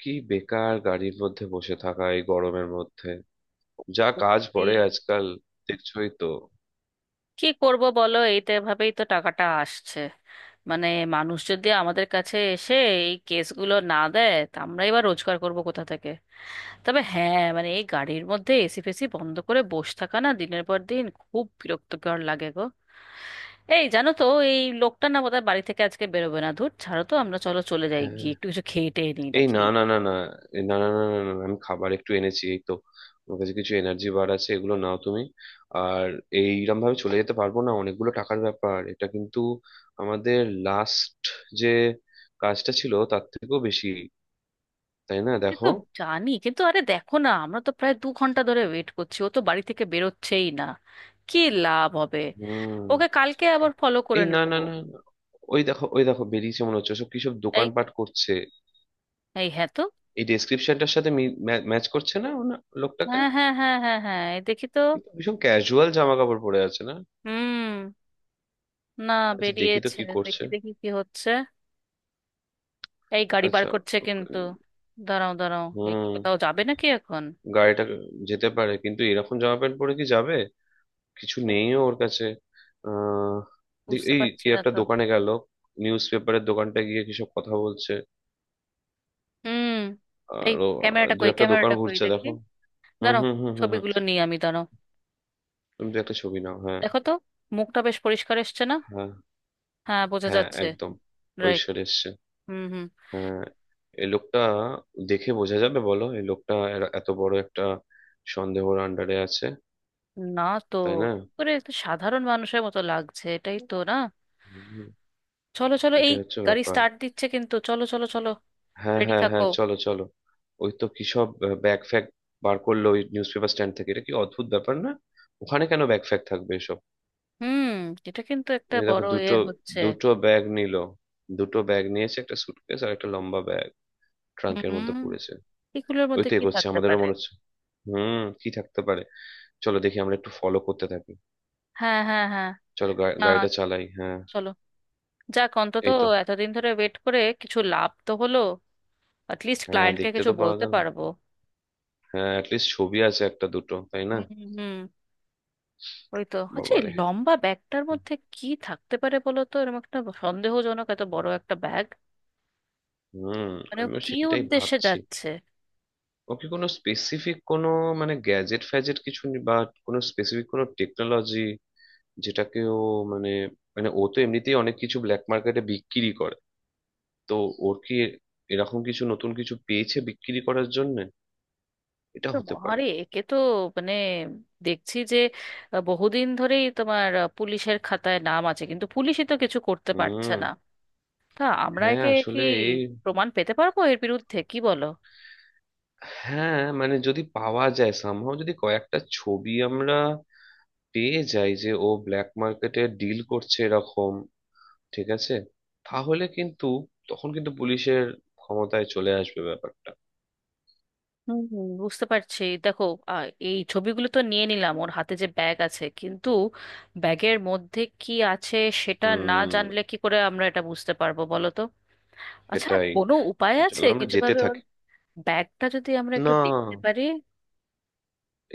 কি বেকার গাড়ির মধ্যে বসে থাকা এই গরমের মধ্যে, যা কাজ সত্যি। পড়ে আজকাল। দেখছোই তো। কি করব বলো, এইটা এভাবেই তো টাকাটা আসছে। মানে মানুষ যদি আমাদের কাছে এসে এই কেসগুলো না দেয় তা আমরা এবার রোজগার করব কোথা থেকে? তবে হ্যাঁ, মানে এই গাড়ির মধ্যে এসি ফেসি বন্ধ করে বসে থাকা না দিনের পর দিন খুব বিরক্তকর লাগে গো। এই জানো তো, এই লোকটা না বোধহয় বাড়ি থেকে আজকে বেরোবে না। ধুর, ছাড়ো তো, আমরা চলো চলে যাই হ্যাঁ, গিয়ে একটু কিছু খেয়ে টেয়ে নিই এই নাকি। না না না না, এই না না না না না, না, আমি খাবার একটু এনেছি এই তো। আমার কাছে কিছু এনার্জি বার আছে, এগুলো নাও তুমি। আর এইরকম ভাবে চলে যেতে পারবো না, অনেকগুলো টাকার ব্যাপার এটা কিন্তু। আমাদের লাস্ট যে কাজটা ছিল তার থেকেও বেশি, তাই না সে তো দেখো। জানি, কিন্তু আরে দেখো না, আমরা তো প্রায় 2 ঘন্টা ধরে ওয়েট করছি, ও তো বাড়ি থেকে বেরোচ্ছেই না। কি লাভ হবে? হুম। ওকে কালকে আবার ফলো করে এই না নেব। না না না। ওই দেখো, ওই দেখো বেরিয়েছে মনে হচ্ছে, সব কিসব এই, দোকানপাট করছে। এই হ্যাঁ তো। এই ডেসক্রিপশনটার সাথে ম্যাচ করছে না ওনা লোকটাকে। হ্যাঁ হ্যাঁ হ্যাঁ হ্যাঁ হ্যাঁ, এই দেখি তো। কিন্তু ভীষণ ক্যাজুয়াল জামা কাপড় পরে আছে না। হুম। না। আচ্ছা দেখি তো বেরিয়েছে, কি করছে। দেখি দেখি কি হচ্ছে। এই গাড়ি বার আচ্ছা। করছে কিন্তু। দাঁড়াও দাঁড়াও, এই কি হুম, কোথাও যাবে নাকি এখন? গাড়িটা যেতে পারে কিন্তু এরকম জামা প্যান্ট পরে কি যাবে। কিছু ও, নেইও ওর কাছে। আহ বুঝতে এই পারছি কি না একটা তো। দোকানে গেল? নিউজ পেপারের দোকানটা গিয়ে কিসব কথা বলছে। হুম। এই আর ও, ক্যামেরাটা দু কই, একটা দোকান ক্যামেরাটা কই ঘুরছে দেখি। দেখো। হুম দাঁড়াও, হুম হুম হুম হুম ছবিগুলো নিয়ে আমি, দাঁড়াও। তুমি তো একটা ছবি নাও, হ্যাঁ। দেখো তো, মুখটা বেশ পরিষ্কার এসছে না? হ্যাঁ, হ্যাঁ বোঝা হ্যাঁ, যাচ্ছে। একদম রাইট। পরিষ্কার এসছে। হুম হুম। হ্যাঁ, এই লোকটা দেখে বোঝা যাবে বলো এই লোকটা এত বড় একটা সন্দেহর আন্ডারে আছে, না তো, তাই না। পুরো একটা সাধারণ মানুষের মতো লাগছে, এটাই তো না। হুম, চলো চলো, এটা এই হচ্ছে গাড়ি ব্যাপার। স্টার্ট দিচ্ছে কিন্তু, চলো চলো চলো। হ্যাঁ রেডি হ্যাঁ থাকো। হ্যাঁ, চলো চলো। ওই তো কি সব ব্যাগ ফ্যাগ বার করলো ওই নিউজ পেপার স্ট্যান্ড থেকে, এটা কি অদ্ভুত ব্যাপার না? ওখানে কেন ব্যাগ ফ্যাগ থাকবে এসব? হুম, এটা কিন্তু একটা এই দেখো, বড় এ দুটো, হচ্ছে। দুটো ব্যাগ নিল। দুটো ব্যাগ নিয়েছে, একটা সুটকেস আর একটা লম্বা ব্যাগ, ট্রাঙ্কের মধ্যে হুম, পড়েছে। এগুলোর ওই মধ্যে তো কি এগোচ্ছে, থাকতে আমাদেরও পারে? মনে হচ্ছে হুম কি থাকতে পারে। চলো দেখি, আমরা একটু ফলো করতে থাকি। হ্যাঁ হ্যাঁ হ্যাঁ। চলো না, গাড়িটা চালাই, হ্যাঁ। চলো। যাক অন্তত এই তো। এতদিন ধরে ওয়েট করে কিছু লাভ তো হলো। অ্যাটলিস্ট হ্যাঁ, ক্লায়েন্টকে দেখতে কিছু তো পাওয়া বলতে গেল। পারবো। হ্যাঁ, অ্যাটলিস্ট ছবি আছে একটা দুটো, তাই না। হুম হুম। ওই তো, আচ্ছা এই বাবারে। লম্বা ব্যাগটার মধ্যে কি থাকতে পারে বলো তো, এরকম একটা সন্দেহজনক এত বড় একটা ব্যাগ। হুম, মানে ও আমিও কি সেটাই উদ্দেশ্যে ভাবছি। যাচ্ছে? ওকে কোনো স্পেসিফিক কোনো, মানে গ্যাজেট ফ্যাজেট কিছু বা কোনো স্পেসিফিক কোনো টেকনোলজি, যেটাকে ও, মানে, মানে ও তো এমনিতেই অনেক কিছু ব্ল্যাক মার্কেটে বিক্রি করে, তো ওর কি এরকম কিছু নতুন কিছু পেয়েছে বিক্রি করার জন্য? এটা তো হতে পারে। আরে একে তো, মানে, দেখছি যে বহুদিন ধরেই তোমার পুলিশের খাতায় নাম আছে, কিন্তু পুলিশই তো কিছু করতে পারছে হুম। না। তা আমরা হ্যাঁ একে কি আসলে এই, প্রমাণ পেতে পারবো এর বিরুদ্ধে, কি বলো? হ্যাঁ মানে যদি পাওয়া যায়, সামহাও যদি কয়েকটা ছবি আমরা পেয়ে যাই যে ও ব্ল্যাক মার্কেটে ডিল করছে এরকম, ঠিক আছে, তাহলে কিন্তু তখন কিন্তু পুলিশের ক্ষমতায় চলে আসবে ব্যাপারটা। হুম হুম, বুঝতে পারছি, দেখো এই ছবিগুলো তো নিয়ে নিলাম, ওর হাতে যে ব্যাগ আছে কিন্তু ব্যাগের মধ্যে কি আছে সেটা না হুম, জানলে কি করে আমরা এটা বুঝতে পারবো বলো তো। আচ্ছা সেটাই। কোনো উপায় আছে চলো আমরা কিছু যেতে ভাবে ওর থাকি। ব্যাগটা যদি আমরা একটু না, দেখতে পারি?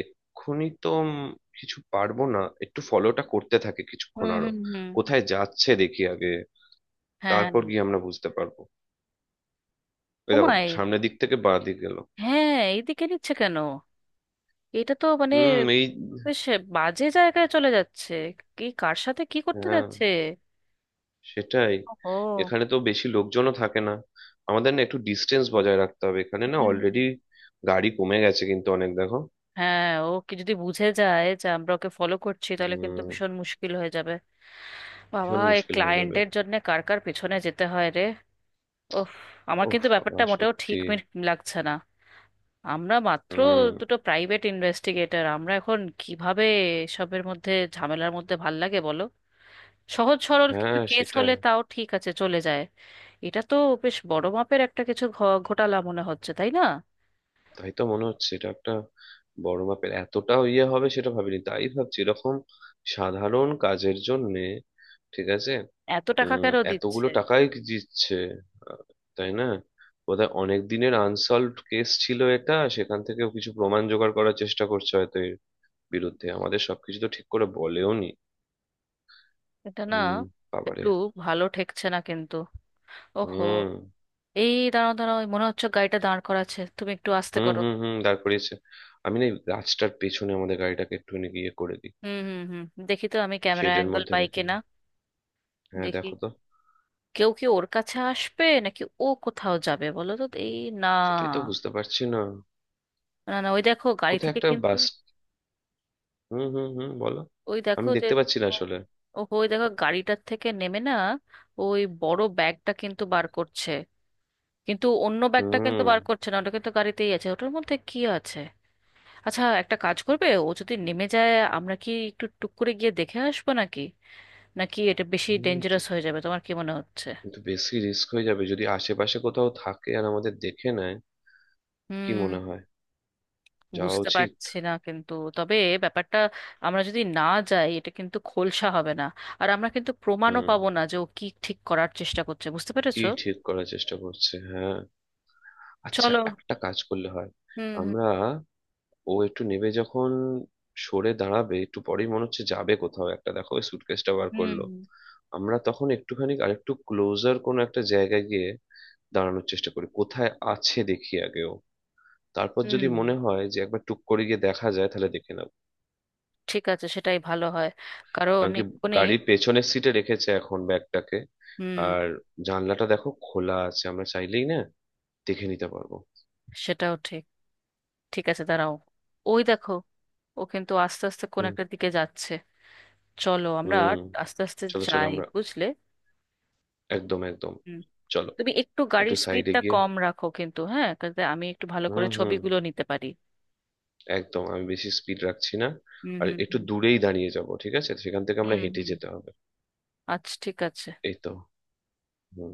এক্ষুনি তো কিছু পারবো না। একটু ফলোটা করতে থাকে কিছুক্ষণ হুম আরো। হুম হুম। কোথায় যাচ্ছে দেখি আগে, হ্যাঁ। তারপর গিয়ে আমরা বুঝতে পারবো। এই দেখো ওমায়, সামনের দিক থেকে বাঁ দিক গেল। হ্যাঁ এইদিকে নিচ্ছে কেন? এটা তো মানে হুম এই, বেশ বাজে জায়গায় চলে যাচ্ছে। কি, কার সাথে কি করতে হ্যাঁ যাচ্ছে? সেটাই। ও। এখানে তো বেশি লোকজনও থাকে না। আমাদের না একটু ডিস্টেন্স বজায় রাখতে হবে, এখানে না হুম। অলরেডি গাড়ি কমে গেছে কিন্তু অনেক, দেখো। হ্যাঁ, ও কি যদি বুঝে যায় যে আমরা ওকে ফলো করছি তাহলে কিন্তু হুম। ভীষণ মুশকিল হয়ে যাবে। বাবা, ভীষণ এই মুশকিল হয়ে যাবে। ক্লায়েন্টের জন্য কার কার পেছনে যেতে হয় রে। ওফ, আমার ওহ কিন্তু বাবা ব্যাপারটা মোটেও ঠিক সত্যি। লাগছে না। আমরা মাত্র হুম। দুটো প্রাইভেট ইনভেস্টিগেটর, আমরা এখন কিভাবে এসবের মধ্যে ঝামেলার মধ্যে ভাল লাগে বলো। সহজ সরল একটু হ্যাঁ কেস সেটাই। হলে তাও ঠিক আছে, চলে যায়। এটা তো বেশ বড় মাপের একটা কিছু ঘোটালা মনে হচ্ছে, তাই না? তাই তো মনে হচ্ছে এটা একটা বড় মাপের, এতটা ইয়ে হবে সেটা ভাবিনি, তাই ভাবছি এরকম সাধারণ কাজের জন্যে ঠিক আছে। এত টাকা কেন এতগুলো দিচ্ছে? টাকাই কি দিচ্ছে? আহ, তাই না। বোধহয় অনেক দিনের আনসলভড কেস ছিল এটা, সেখান থেকেও কিছু প্রমাণ জোগাড় করার চেষ্টা করছে হয়তো এর বিরুদ্ধে, আমাদের সবকিছু তো ঠিক করে বলেও নি। এটা না উম, বাবারে। একটু ভালো ঠেকছে না কিন্তু। ওহো, হুম। এই দাঁড়াও দাঁড়াও, এই মনে হচ্ছে গাড়িটা দাঁড় করাচ্ছে, তুমি একটু আস্তে হুম করো। হুম হুম, দাঁড় করিয়েছে। আমি না এই গাছটার পেছনে আমাদের গাড়িটাকে একটুখানি গিয়ে করে দিই, হুম হুম হুম। দেখি তো আমি ক্যামেরা শেডের অ্যাঙ্গেল মধ্যে পাই রেখে কিনা। দিই। হ্যাঁ দেখি, দেখো তো। কেউ কি ওর কাছে আসবে নাকি ও কোথাও যাবে বলো তো, এই না। সেটাই তো বুঝতে পারছি না। না না, ওই দেখো গাড়ি কোথায় থেকে একটা কিন্তু। বাস। হুম হুম হুম, বলো। ওই আমি দেখো যে, দেখতে পাচ্ছি না আসলে। ওহো ওই দেখো গাড়িটার থেকে নেমে না ওই বড় ব্যাগটা কিন্তু বার করছে, কিন্তু অন্য ব্যাগটা কিন্তু হুম। বার করছে না, ওটা কিন্তু গাড়িতেই আছে। ওটার মধ্যে কি আছে? আচ্ছা একটা কাজ করবে, ও যদি নেমে যায় আমরা কি একটু টুক করে গিয়ে দেখে আসবো নাকি? নাকি এটা বেশি হুম, ডেঞ্জারাস হয়ে যাবে, তোমার কি মনে হচ্ছে? কিন্তু বেশি রিস্ক হয়ে যাবে যদি আশেপাশে কোথাও থাকে আর আমাদের দেখে নেয়। কি হুম। মনে হয়, যাওয়া বুঝতে উচিত? পারছি না, কিন্তু তবে ব্যাপারটা, আমরা যদি না যাই এটা কিন্তু খোলসা হবে না। আর আমরা কিন্তু প্রমাণও হুম, পাবো না যে ও কি ঠিক করার চেষ্টা করছে, বুঝতে কি পেরেছো? ঠিক করার চেষ্টা করছে, হ্যাঁ। আচ্ছা চলো। একটা কাজ করলে হয়, হুম হুম আমরা ও একটু নেবে যখন, সরে দাঁড়াবে একটু পরেই মনে হচ্ছে যাবে কোথাও একটা, দেখো ওই সুটকেসটা বার হুম করলো। আমরা তখন একটুখানি আরেকটু ক্লোজার কোনো একটা জায়গায় গিয়ে দাঁড়ানোর চেষ্টা করি, কোথায় আছে দেখি আগেও। তারপর যদি হুম। মনে হয় যে একবার টুক করে গিয়ে দেখা যায়, তাহলে দেখে নেবো। ঠিক আছে, সেটাই ভালো হয়। কারণ কারণ কি, এক্ষুনি। গাড়ির পেছনের সিটে রেখেছে এখন ব্যাগটাকে। হুম। আর জানলাটা দেখো খোলা আছে, আমরা চাইলেই না দেখে নিতে পারবো। সেটাও ঠিক। ঠিক আছে দাঁড়াও। ওই দেখো, ও কিন্তু আস্তে আস্তে কোন হুম একটা দিকে যাচ্ছে। চলো আমরা হুম আস্তে আস্তে চলো চলো যাই, আমরা। বুঝলে। একদম একদম। হুম। চলো। তুমি একটু একটু গাড়ির সাইডে স্পিডটা গিয়ে, কম রাখো কিন্তু হ্যাঁ, যাতে আমি একটু ভালো করে হুম হুম ছবিগুলো নিতে পারি। একদম আমি বেশি স্পিড রাখছি না। হুম আর হুম একটু হুম দূরেই দাঁড়িয়ে যাব, ঠিক আছে, সেখান থেকে আমরা হুম হেঁটে হুম। যেতে হবে। আচ্ছা ঠিক আছে। এই তো। হুম।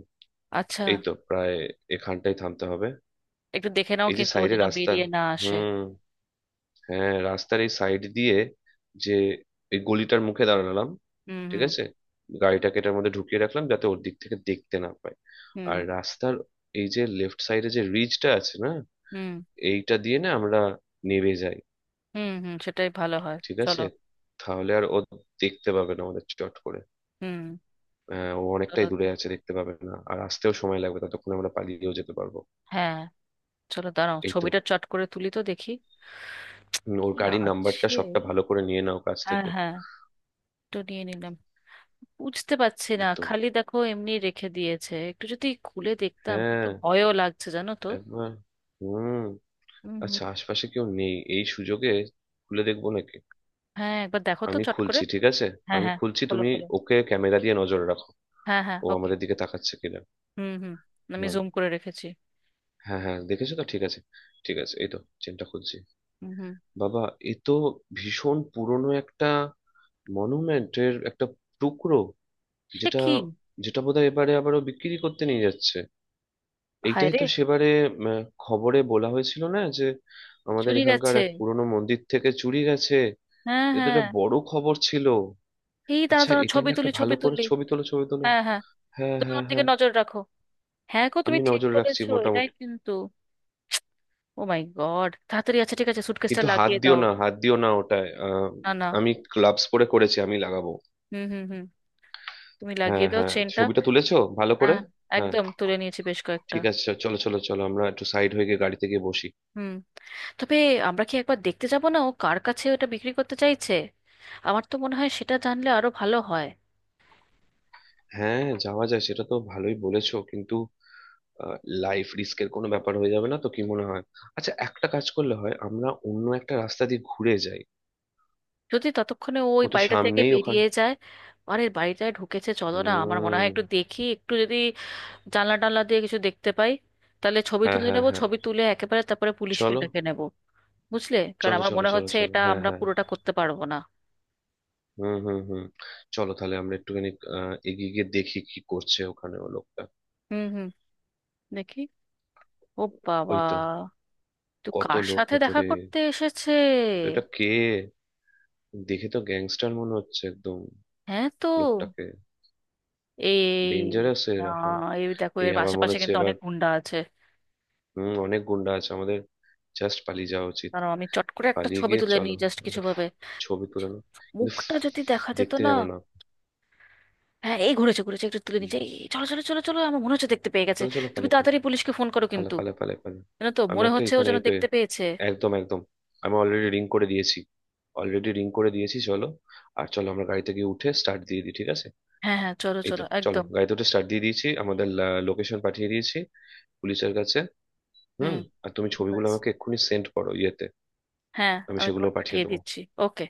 আচ্ছা, এই তো প্রায় এখানটাই থামতে হবে। একটু দেখে নাও এই যে কিন্তু ও সাইডে যেন রাস্তা, বেরিয়ে না আসে। হুম, হ্যাঁ রাস্তার এই সাইড দিয়ে যে এই গলিটার মুখে দাঁড়ালাম, হুম ঠিক হুম আছে। গাড়িটাকে এটার মধ্যে ঢুকিয়ে রাখলাম যাতে ওর দিক থেকে দেখতে না পায়। হুম আর রাস্তার এই যে লেফট সাইডে যে রিজটা আছে না, হুম এইটা দিয়ে না আমরা নেমে যাই। হুম হুম সেটাই ভালো হয়। ঠিক চলো। আছে, তাহলে আর ও দেখতে পাবে না আমাদের চট করে। হুম। ও চলো অনেকটাই তো। দূরে আছে, দেখতে পাবে না, আর আসতেও সময় লাগবে, ততক্ষণ আমরা পালিয়েও যেতে পারবো। হ্যাঁ, চলো দাঁড়াও, এই তো। ছবিটা চট করে তুলি তো দেখি। কি ওর গাড়ির নাম্বারটা আছে? সবটা ভালো করে নিয়ে নাও কাছ হ্যাঁ থেকে। হ্যাঁ, একটু নিয়ে নিলাম। বুঝতে পারছি না, এই তো খালি দেখো এমনি রেখে দিয়েছে, একটু যদি খুলে দেখতাম, কিন্তু হ্যাঁ। ভয়ও লাগছে জানো তো। একবার হুম। হুম হুম। আচ্ছা আশপাশে কেউ নেই, এই সুযোগে খুলে দেখবো নাকি? হ্যাঁ একবার দেখো তো আমি চট করে। খুলছি ঠিক আছে। হ্যাঁ আমি হ্যাঁ। খুলছি, খোলো তুমি খোলো। ওকে ক্যামেরা দিয়ে নজর রাখো, হ্যাঁ হ্যাঁ ও ওকে। আমাদের দিকে তাকাচ্ছে কিনা। হুম হুম, আমি হুম। জুম করে রেখেছি। হ্যাঁ হ্যাঁ দেখেছো তো, ঠিক আছে। ঠিক আছে এই তো, চেনটা খুলছি। হুম হুম। বাবা, এ তো ভীষণ পুরনো একটা মনুমেন্টের একটা টুকরো, সে যেটা, কি! যেটা বোধহয় এবারে আবারও বিক্রি করতে নিয়ে যাচ্ছে। হায় এইটাই রে। তো সেবারে উম, খবরে বলা হয়েছিল না যে আমাদের শরীর এখানকার আছে! এক পুরনো মন্দির থেকে চুরি গেছে। হ্যাঁ এটা হ্যাঁ, একটা বড় খবর ছিল। এই দাঁড়া আচ্ছা দাঁড়া, এটার ছবি না একটা তুলি ছবি ভালো করে তুলি। ছবি তোলো, ছবি তোলো। হ্যাঁ হ্যাঁ। হ্যাঁ তুমি হ্যাঁ ওর দিকে হ্যাঁ। নজর রাখো। হ্যাঁ গো, তুমি আমি ঠিক নজর রাখছি বলেছো এটাই মোটামুটি। কিন্তু। ও মাই গড, তাড়াতাড়ি, আচ্ছা ঠিক আছে সুটকেসটা কিন্তু হাত লাগিয়ে দিও দাও। না, হাত দিও না ওটায়, না না। আমি গ্লাভস পরে করেছি, আমি লাগাবো। হুম হুম হুম, তুমি হ্যাঁ লাগিয়ে দাও হ্যাঁ, চেনটা। ছবিটা তুলেছো ভালো করে? হ্যাঁ, হ্যাঁ, একদম তুলে নিয়েছি বেশ কয়েকটা। ঠিক আছে চলো চলো চলো, আমরা একটু সাইড হয়ে গিয়ে গাড়িতে গিয়ে বসি। হুম। তবে আমরা কি একবার দেখতে যাব না ও কার কাছে ওটা বিক্রি করতে চাইছে? আমার তো মনে হয় সেটা জানলে আরো ভালো হয়। হ্যাঁ যাওয়া যায়, সেটা তো ভালোই বলেছো, কিন্তু লাইফ রিস্কের কোনো ব্যাপার হয়ে যাবে না তো, কি মনে হয়? আচ্ছা একটা কাজ করলে হয়, আমরা অন্য একটা রাস্তা দিয়ে ঘুরে যাই। যদি ততক্ষণে ও ওই ও তো বাড়িটা থেকে সামনেই ওখান। বেরিয়ে যায়। আরে বাড়িটায় ঢুকেছে, চলো না, আমার মনে হয় হুম। একটু দেখি, একটু যদি জানলা টানলা দিয়ে কিছু দেখতে পাই। তাহলে ছবি হ্যাঁ তুলে হ্যাঁ নেবো, হ্যাঁ, ছবি তুলে একেবারে তারপরে পুলিশকে চলো ডেকে নেবো। বুঝলে, কারণ চলো আমার চলো মনে চলো হচ্ছে চলো এটা হ্যাঁ আমরা হ্যাঁ। পুরোটা করতে পারবো না। হুম হুম হুম চলো তাহলে আমরা একটুখানি এগিয়ে গিয়ে দেখি কি করছে ওখানে ও লোকটা। হুম হুম। দেখি। ও বাবা, ওই তো, তো কত কার লোক সাথে দেখা ভেতরে। করতে এসেছে? তো এটা কে? দেখে তো গ্যাংস্টার মনে হচ্ছে একদম হ্যাঁ তো। লোকটাকে। এই ডেঞ্জারাস এর আসা। এই দেখো, এই এর আবার মনে আশেপাশে হচ্ছে কিন্তু এবার অনেক গুন্ডা আছে। হম অনেক গুন্ডা আছে, আমাদের জাস্ট পালিয়ে যাওয়া উচিত। কারণ আমি চট করে একটা পালিয়ে ছবি গিয়ে তুলে চলো নিই জাস্ট একটা কিছু ভাবে। ছবি তুলানো, কিন্তু মুখটা যদি দেখা যেত দেখতে না। জানো না। হ্যাঁ, এই ঘুরেছে ঘুরেছে, একটু তুলে হুম, নিচে। চলো চলো চলো চলো, আমার মনে হচ্ছে দেখতে পেয়ে গেছে। চলো চলো তুমি পালে পালে তাড়াতাড়ি পুলিশকে ফোন করো পালে কিন্তু, পালে পালে পালে। জানো তো আমি মনে একটা হচ্ছে ও এখানে, যেন এই তো, দেখতে পেয়েছে। একদম একদম, আমি অলরেডি রিং করে দিয়েছি, অলরেডি রিং করে দিয়েছি। চলো, আর চলো আমরা গাড়িতে গিয়ে উঠে স্টার্ট দিয়ে দিই, ঠিক আছে। হ্যাঁ হ্যাঁ চলো এই তো চলো, চলো একদম। গাড়িতে উঠে স্টার্ট দিয়ে দিয়েছি, আমাদের লোকেশন পাঠিয়ে দিয়েছি পুলিশের কাছে। হুম। হুম। আর তুমি ছবিগুলো ব্যাস। আমাকে এক্ষুনি সেন্ড করো ইয়েতে, হ্যাঁ আমি আমি সেগুলো তোমার পাঠিয়ে পাঠিয়ে দেবো। দিচ্ছি। ওকে।